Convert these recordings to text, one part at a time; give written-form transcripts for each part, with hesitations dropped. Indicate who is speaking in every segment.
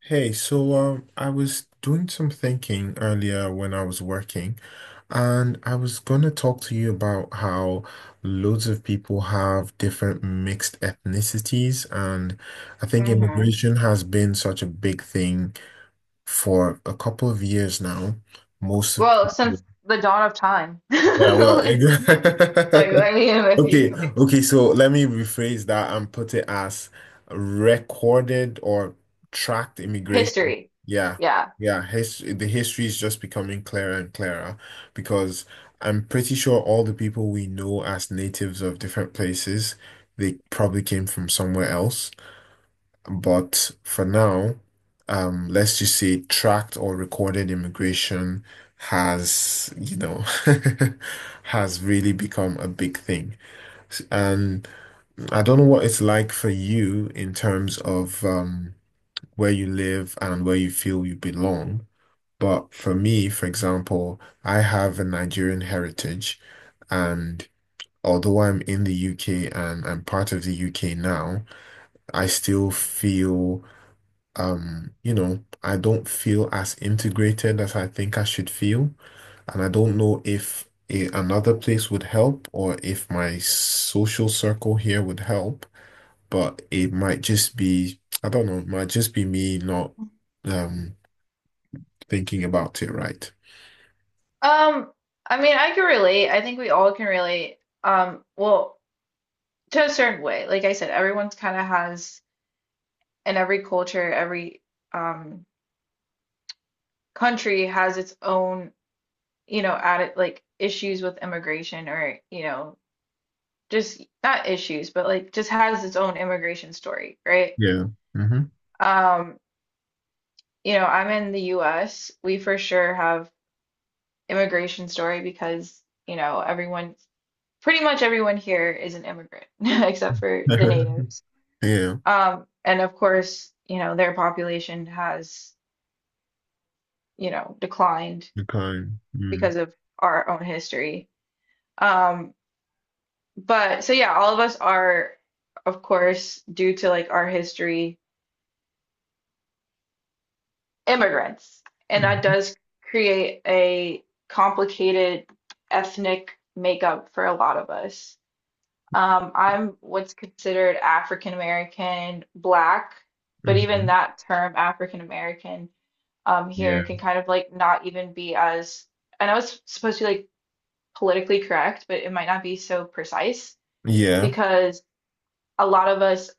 Speaker 1: Hey, I was doing some thinking earlier when I was working, and I was gonna talk to you about how loads of people have different mixed ethnicities, and I think
Speaker 2: hmm
Speaker 1: immigration has been such a big thing for a couple of years now. Most of
Speaker 2: Well,
Speaker 1: people,
Speaker 2: since the dawn of time.
Speaker 1: yeah, well,
Speaker 2: Like, like I mean, if you
Speaker 1: Okay,
Speaker 2: like
Speaker 1: okay, so let me rephrase that and put it as recorded or tracked immigration.
Speaker 2: history.
Speaker 1: Yeah,
Speaker 2: Yeah.
Speaker 1: yeah, his the history is just becoming clearer and clearer because I'm pretty sure all the people we know as natives of different places, they probably came from somewhere else. But for now, let's just say tracked or recorded immigration has, has really become a big thing. And I don't know what it's like for you in terms of where you live and where you feel you belong. But for me, for example, I have a Nigerian heritage. And although I'm in the UK and I'm part of the UK now, I still feel, I don't feel as integrated as I think I should feel. And I don't know if another place would help or if my social circle here would help, but it might just be, I don't know, it might just be me not um thinking about it right.
Speaker 2: Um, I mean, I can relate. I think we all can relate. Well, to a certain way. Like I said, everyone's kind of has, and every culture, every um country has its own, you know, added like issues with immigration or, you know, just not issues, but like just has its own immigration story, right?
Speaker 1: Yeah. Hmm.
Speaker 2: Um, you know, I'm in the US. We for sure have immigration story because, you know, everyone, pretty much everyone here is an immigrant except for the natives.
Speaker 1: Yeah.
Speaker 2: And of course, you know, their population has, you know, declined
Speaker 1: The kind. Mm.
Speaker 2: because of our own history. Um, but so yeah, all of us are, of course, due to like our history immigrants. And that
Speaker 1: Hmm.
Speaker 2: does create a complicated ethnic makeup for a lot of us. I'm what's considered African American, Black, but even
Speaker 1: Hmm.
Speaker 2: that term, African American,
Speaker 1: Yeah.
Speaker 2: here can kind of like not even be as, I know it's supposed to be like politically correct, but it might not be so precise
Speaker 1: Yeah.
Speaker 2: because a lot of us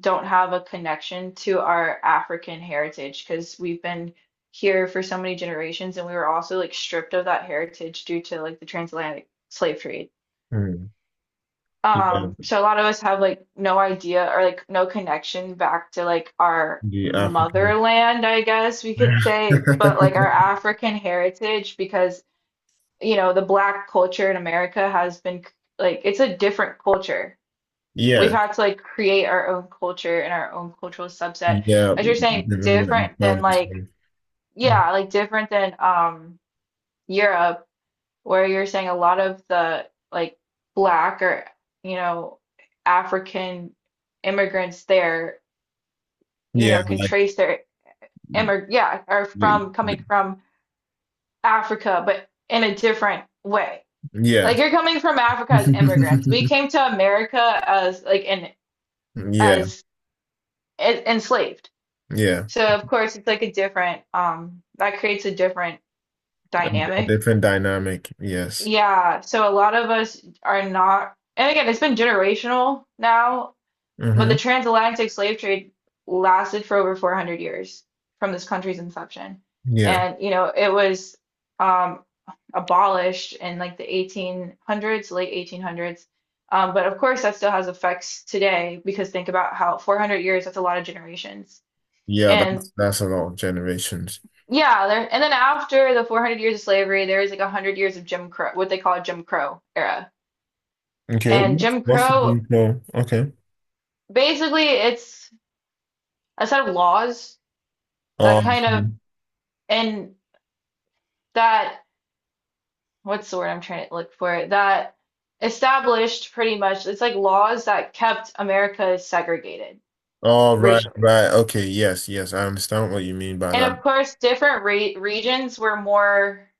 Speaker 2: don't have a connection to our African heritage because we've been here for so many generations and we were also like stripped of that heritage due to like the transatlantic slave trade.
Speaker 1: Mm. Yeah.
Speaker 2: So a lot of us have like no idea or like no connection back to like our
Speaker 1: The African.
Speaker 2: motherland, I guess we could say, but like our African heritage because you know the black culture in America has been like it's a different culture. We've
Speaker 1: Yeah,
Speaker 2: had to like create our own culture and our own cultural subset.
Speaker 1: yeah,
Speaker 2: As you're saying,
Speaker 1: living what you
Speaker 2: different than
Speaker 1: found is
Speaker 2: like,
Speaker 1: safe.
Speaker 2: yeah, like different than Europe, where you're saying a lot of the like black or, you know, African immigrants there, you
Speaker 1: Yeah,
Speaker 2: know, can
Speaker 1: like
Speaker 2: trace their immig yeah, are
Speaker 1: y-
Speaker 2: from
Speaker 1: y-
Speaker 2: coming from Africa, but in a different way.
Speaker 1: yeah,
Speaker 2: Like you're coming from Africa as immigrants. We came to America as like in
Speaker 1: yeah,
Speaker 2: as enslaved.
Speaker 1: yeah.
Speaker 2: So of course it's like a different that creates a different
Speaker 1: A
Speaker 2: dynamic.
Speaker 1: different dynamic. Yes.
Speaker 2: Yeah, so a lot of us are not, and again it's been generational now, but
Speaker 1: Mm-hmm.
Speaker 2: the transatlantic slave trade lasted for over 400 years from this country's inception.
Speaker 1: Yeah,
Speaker 2: And you know, it was um abolished in like the 1800s, late 1800s. But of course that still has effects today because think about how 400 years, that's a lot of generations.
Speaker 1: yeah.
Speaker 2: And
Speaker 1: That's a lot of generations.
Speaker 2: yeah, there, and then after the 400 years of slavery, there is like 100 years of Jim Crow, what they call a Jim Crow era.
Speaker 1: Okay,
Speaker 2: And
Speaker 1: what's
Speaker 2: Jim
Speaker 1: what's the
Speaker 2: Crow,
Speaker 1: game flow? Okay.
Speaker 2: basically, it's a set of laws that
Speaker 1: Um.
Speaker 2: kind of, and that, what's the word I'm trying to look for, that established pretty much, it's like laws that kept America segregated
Speaker 1: Oh, right,
Speaker 2: racially.
Speaker 1: right. Okay. Yes, yes. I understand what you mean by
Speaker 2: And
Speaker 1: that.
Speaker 2: of course, different re regions were more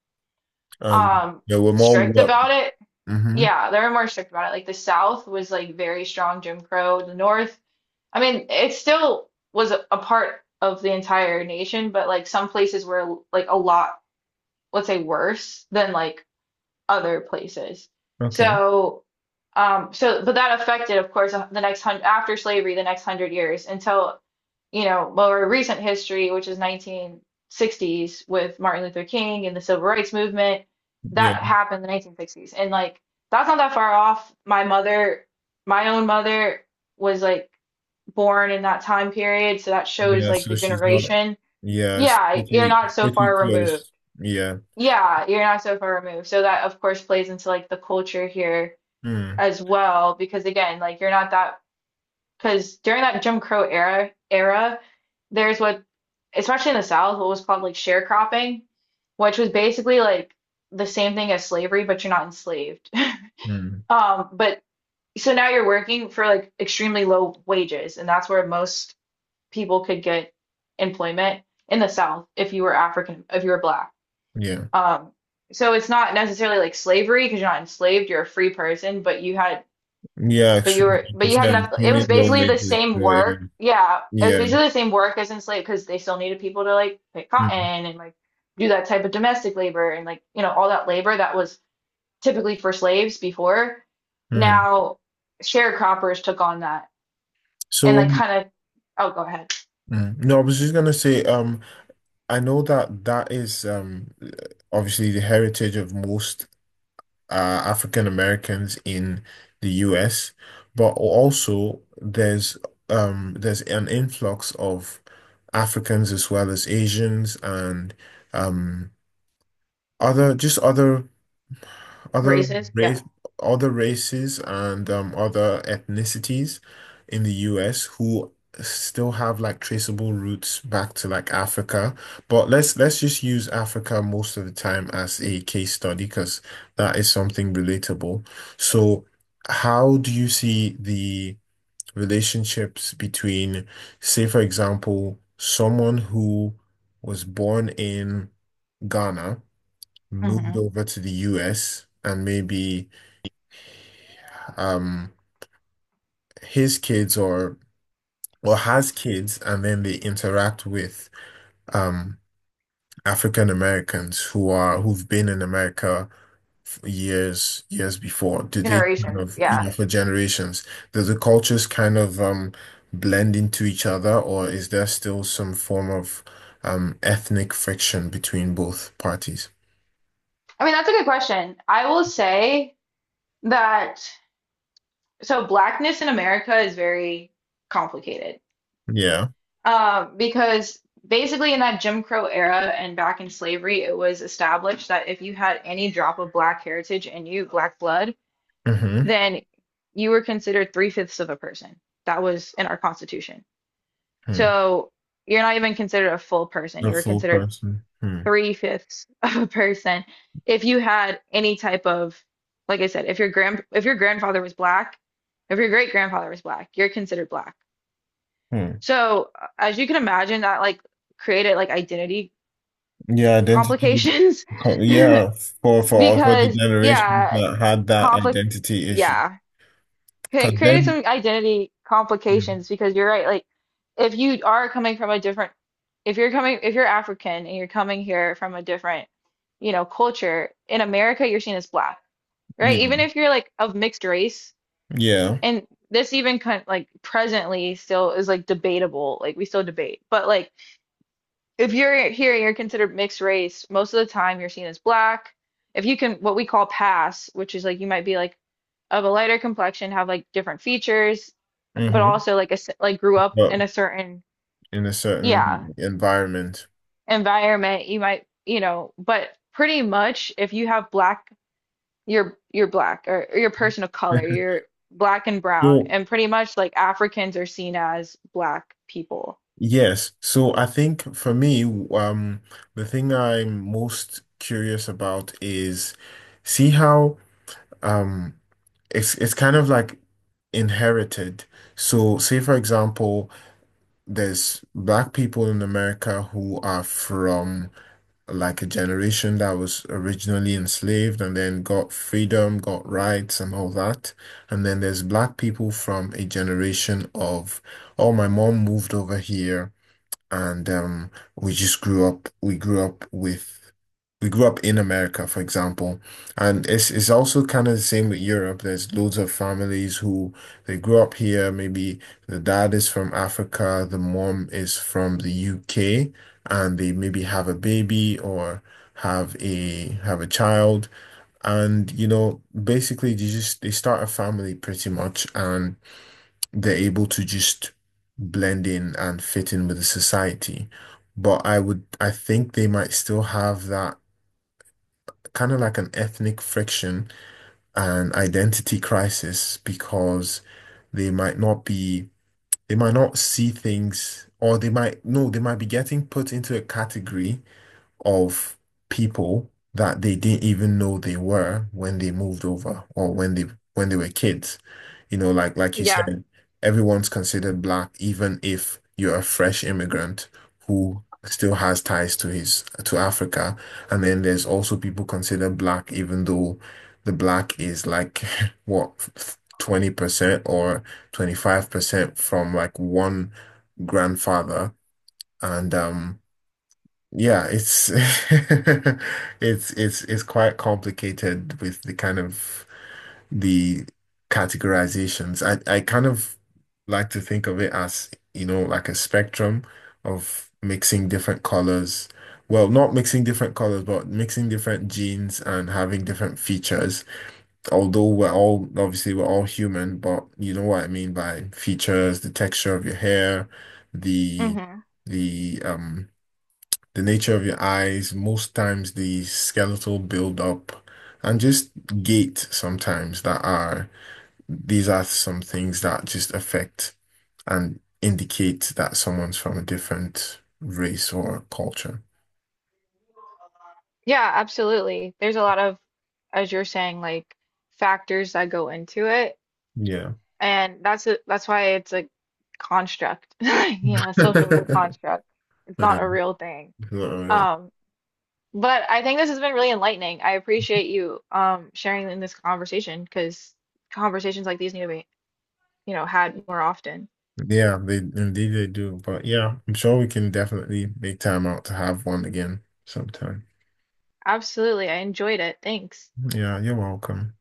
Speaker 2: um,
Speaker 1: Yeah, we're more.
Speaker 2: strict
Speaker 1: What.
Speaker 2: about it.
Speaker 1: Mm-hmm.
Speaker 2: Yeah, they're more strict about it. Like the South was like very strong Jim Crow. The North, I mean, it still was a part of the entire nation, but like some places were like a lot, let's say, worse than like other places.
Speaker 1: Okay.
Speaker 2: So, so but that affected, of course, the next hundred after slavery, the next hundred years until you know more recent history, which is 1960s with Martin Luther King and the Civil Rights Movement.
Speaker 1: Yeah.
Speaker 2: That happened in the 1960s, and like that's not that far off. My own mother, was like born in that time period, so that shows
Speaker 1: Yeah,
Speaker 2: like
Speaker 1: so
Speaker 2: the
Speaker 1: she's not.
Speaker 2: generation.
Speaker 1: Yeah, it's
Speaker 2: Yeah, you're
Speaker 1: pretty
Speaker 2: not so
Speaker 1: pretty
Speaker 2: far removed.
Speaker 1: close. Yeah.
Speaker 2: Yeah, you're not so far removed. So that of course plays into like the culture here
Speaker 1: Mm,
Speaker 2: as well, because again, like you're not that, because during that Jim Crow era era, there's what especially in the South, what was called like sharecropping, which was basically like the same thing as slavery, but you're not enslaved.
Speaker 1: mm,
Speaker 2: But so now you're working for like extremely low wages, and that's where most people could get employment in the South if you were African, if you were black.
Speaker 1: yeah.
Speaker 2: Um, so it's not necessarily like slavery because you're not enslaved, you're a free person, but you had
Speaker 1: Yeah,
Speaker 2: but you
Speaker 1: extremely,
Speaker 2: were
Speaker 1: like you
Speaker 2: but you had
Speaker 1: said,
Speaker 2: enough it
Speaker 1: extremely
Speaker 2: was
Speaker 1: low
Speaker 2: basically the
Speaker 1: latency. So
Speaker 2: same
Speaker 1: it
Speaker 2: work.
Speaker 1: was,
Speaker 2: Yeah, it was
Speaker 1: yeah.
Speaker 2: basically the same work as enslaved because they still needed people to like pick
Speaker 1: Mm,
Speaker 2: cotton and like do that type of domestic labor and like, you know, all that labor that was typically for slaves before.
Speaker 1: mm.
Speaker 2: Now sharecroppers took on that and
Speaker 1: So
Speaker 2: like kind of, oh, go ahead.
Speaker 1: mm, no, I was just gonna say, I know that that is obviously the heritage of most African Americans in the US, but also there's an influx of Africans as well as Asians and um, other just other other
Speaker 2: Races, yeah.
Speaker 1: race, other races and other ethnicities in the US who still have like traceable roots back to like Africa. But let's just use Africa most of the time as a case study because that is something relatable. So how do you see the relationships between, say, for example, someone who was born in Ghana? Moved
Speaker 2: Hmm.
Speaker 1: over to the US and maybe um his kids, or has kids, and then they interact with um African Americans who are who've been in America for years years before. Do they kind
Speaker 2: Generations,
Speaker 1: of, you
Speaker 2: yeah.
Speaker 1: know, for generations? Do the cultures kind of blend into each other, or is there still some form of ethnic friction between both parties?
Speaker 2: I mean, that's a good question. I will say that so blackness in America is very complicated,
Speaker 1: Yeah.
Speaker 2: because basically in that Jim Crow era and back in slavery, it was established that if you had any drop of black heritage in you, black blood,
Speaker 1: Mm-hmm.
Speaker 2: then you were considered three-fifths of a person. That was in our Constitution. So you're not even considered a full person.
Speaker 1: The
Speaker 2: You were
Speaker 1: full
Speaker 2: considered
Speaker 1: person. Hmm.
Speaker 2: three-fifths of a person if you had any type of, like I said, if your grand if your grandfather was black, if your great grandfather was black, you're considered black.
Speaker 1: Hmm.
Speaker 2: So, as you can imagine, that like created like identity
Speaker 1: Yeah, identity.
Speaker 2: complications.
Speaker 1: Yeah, for the
Speaker 2: Because
Speaker 1: generations
Speaker 2: yeah,
Speaker 1: that had that
Speaker 2: conflict
Speaker 1: identity issue,
Speaker 2: yeah,
Speaker 1: because
Speaker 2: created
Speaker 1: then,
Speaker 2: some identity
Speaker 1: Mm,
Speaker 2: complications because you're right, like if you are coming from a different, if you're coming if you're African and you're coming here from a different, you know, culture, in America you're seen as black,
Speaker 1: you
Speaker 2: right?
Speaker 1: know,
Speaker 2: Even if you're like of mixed race,
Speaker 1: yeah,
Speaker 2: and this even kind like presently still is like debatable, like we still debate. But like if you're here and you're considered mixed race, most of the time you're seen as black. If you can, what we call pass, which is like you might be like of a lighter complexion, have like different features, but
Speaker 1: hmm,
Speaker 2: also like a like grew up
Speaker 1: but
Speaker 2: in a certain
Speaker 1: in a
Speaker 2: yeah
Speaker 1: certain environment.
Speaker 2: environment. You might, you know, but pretty much if you have black, you're black, or you're a person of color, you're black and brown,
Speaker 1: So
Speaker 2: and pretty much like Africans are seen as black people.
Speaker 1: yes, so I think for me, um, the thing I'm most curious about is see how um it's kind of like inherited. So say for example, there's black people in America who are from like a generation that was originally enslaved and then got freedom, got rights and all that. And then there's black people from a generation of, oh, my mom moved over here, and we just grew up, we grew up in America, for example. And it's also kind of the same with Europe. There's loads of families who they grew up here maybe. The dad is from Africa, the mom is from the UK, and they maybe have a baby or have a child, and you know, basically they just they start a family pretty much, and they're able to just blend in and fit in with the society. But I would, I think they might still have that kind of like an ethnic friction and identity crisis because they might not be, they might not see things, or they might, no, they might be getting put into a category of people that they didn't even know they were when they moved over or when they were kids. You know, like you
Speaker 2: Yeah.
Speaker 1: said, everyone's considered black, even if you're a fresh immigrant who still has ties to his to Africa. And then there's also people considered black, even though the black is like what, 20% or 25% from like one grandfather. And yeah, it's it's quite complicated with the kind of the categorizations. I kind of like to think of it as, you know, like a spectrum of mixing different colors. Well, not mixing different colors, but mixing different genes and having different features. Although we're all, obviously we're all human, but you know what I mean by features, the texture of your hair, the
Speaker 2: Mhm.
Speaker 1: the the nature of your eyes, most times the skeletal buildup, and just gait sometimes that are, these are some things that just affect and indicate that someone's from a different race or culture.
Speaker 2: Yeah, absolutely. There's a lot of, as you're saying, like factors that go into it,
Speaker 1: Yeah.
Speaker 2: and that's that's why it's a construct, you know, a social construct. It's not a
Speaker 1: Um,
Speaker 2: real thing.
Speaker 1: it's not real.
Speaker 2: Um, but I think this has been really enlightening. I appreciate you sharing in this conversation because conversations like these need to be, you know, had more often.
Speaker 1: Yeah, they indeed they do. But yeah, I'm sure we can definitely make time out to have one again sometime.
Speaker 2: Absolutely. I enjoyed it. Thanks.
Speaker 1: Yeah, you're welcome.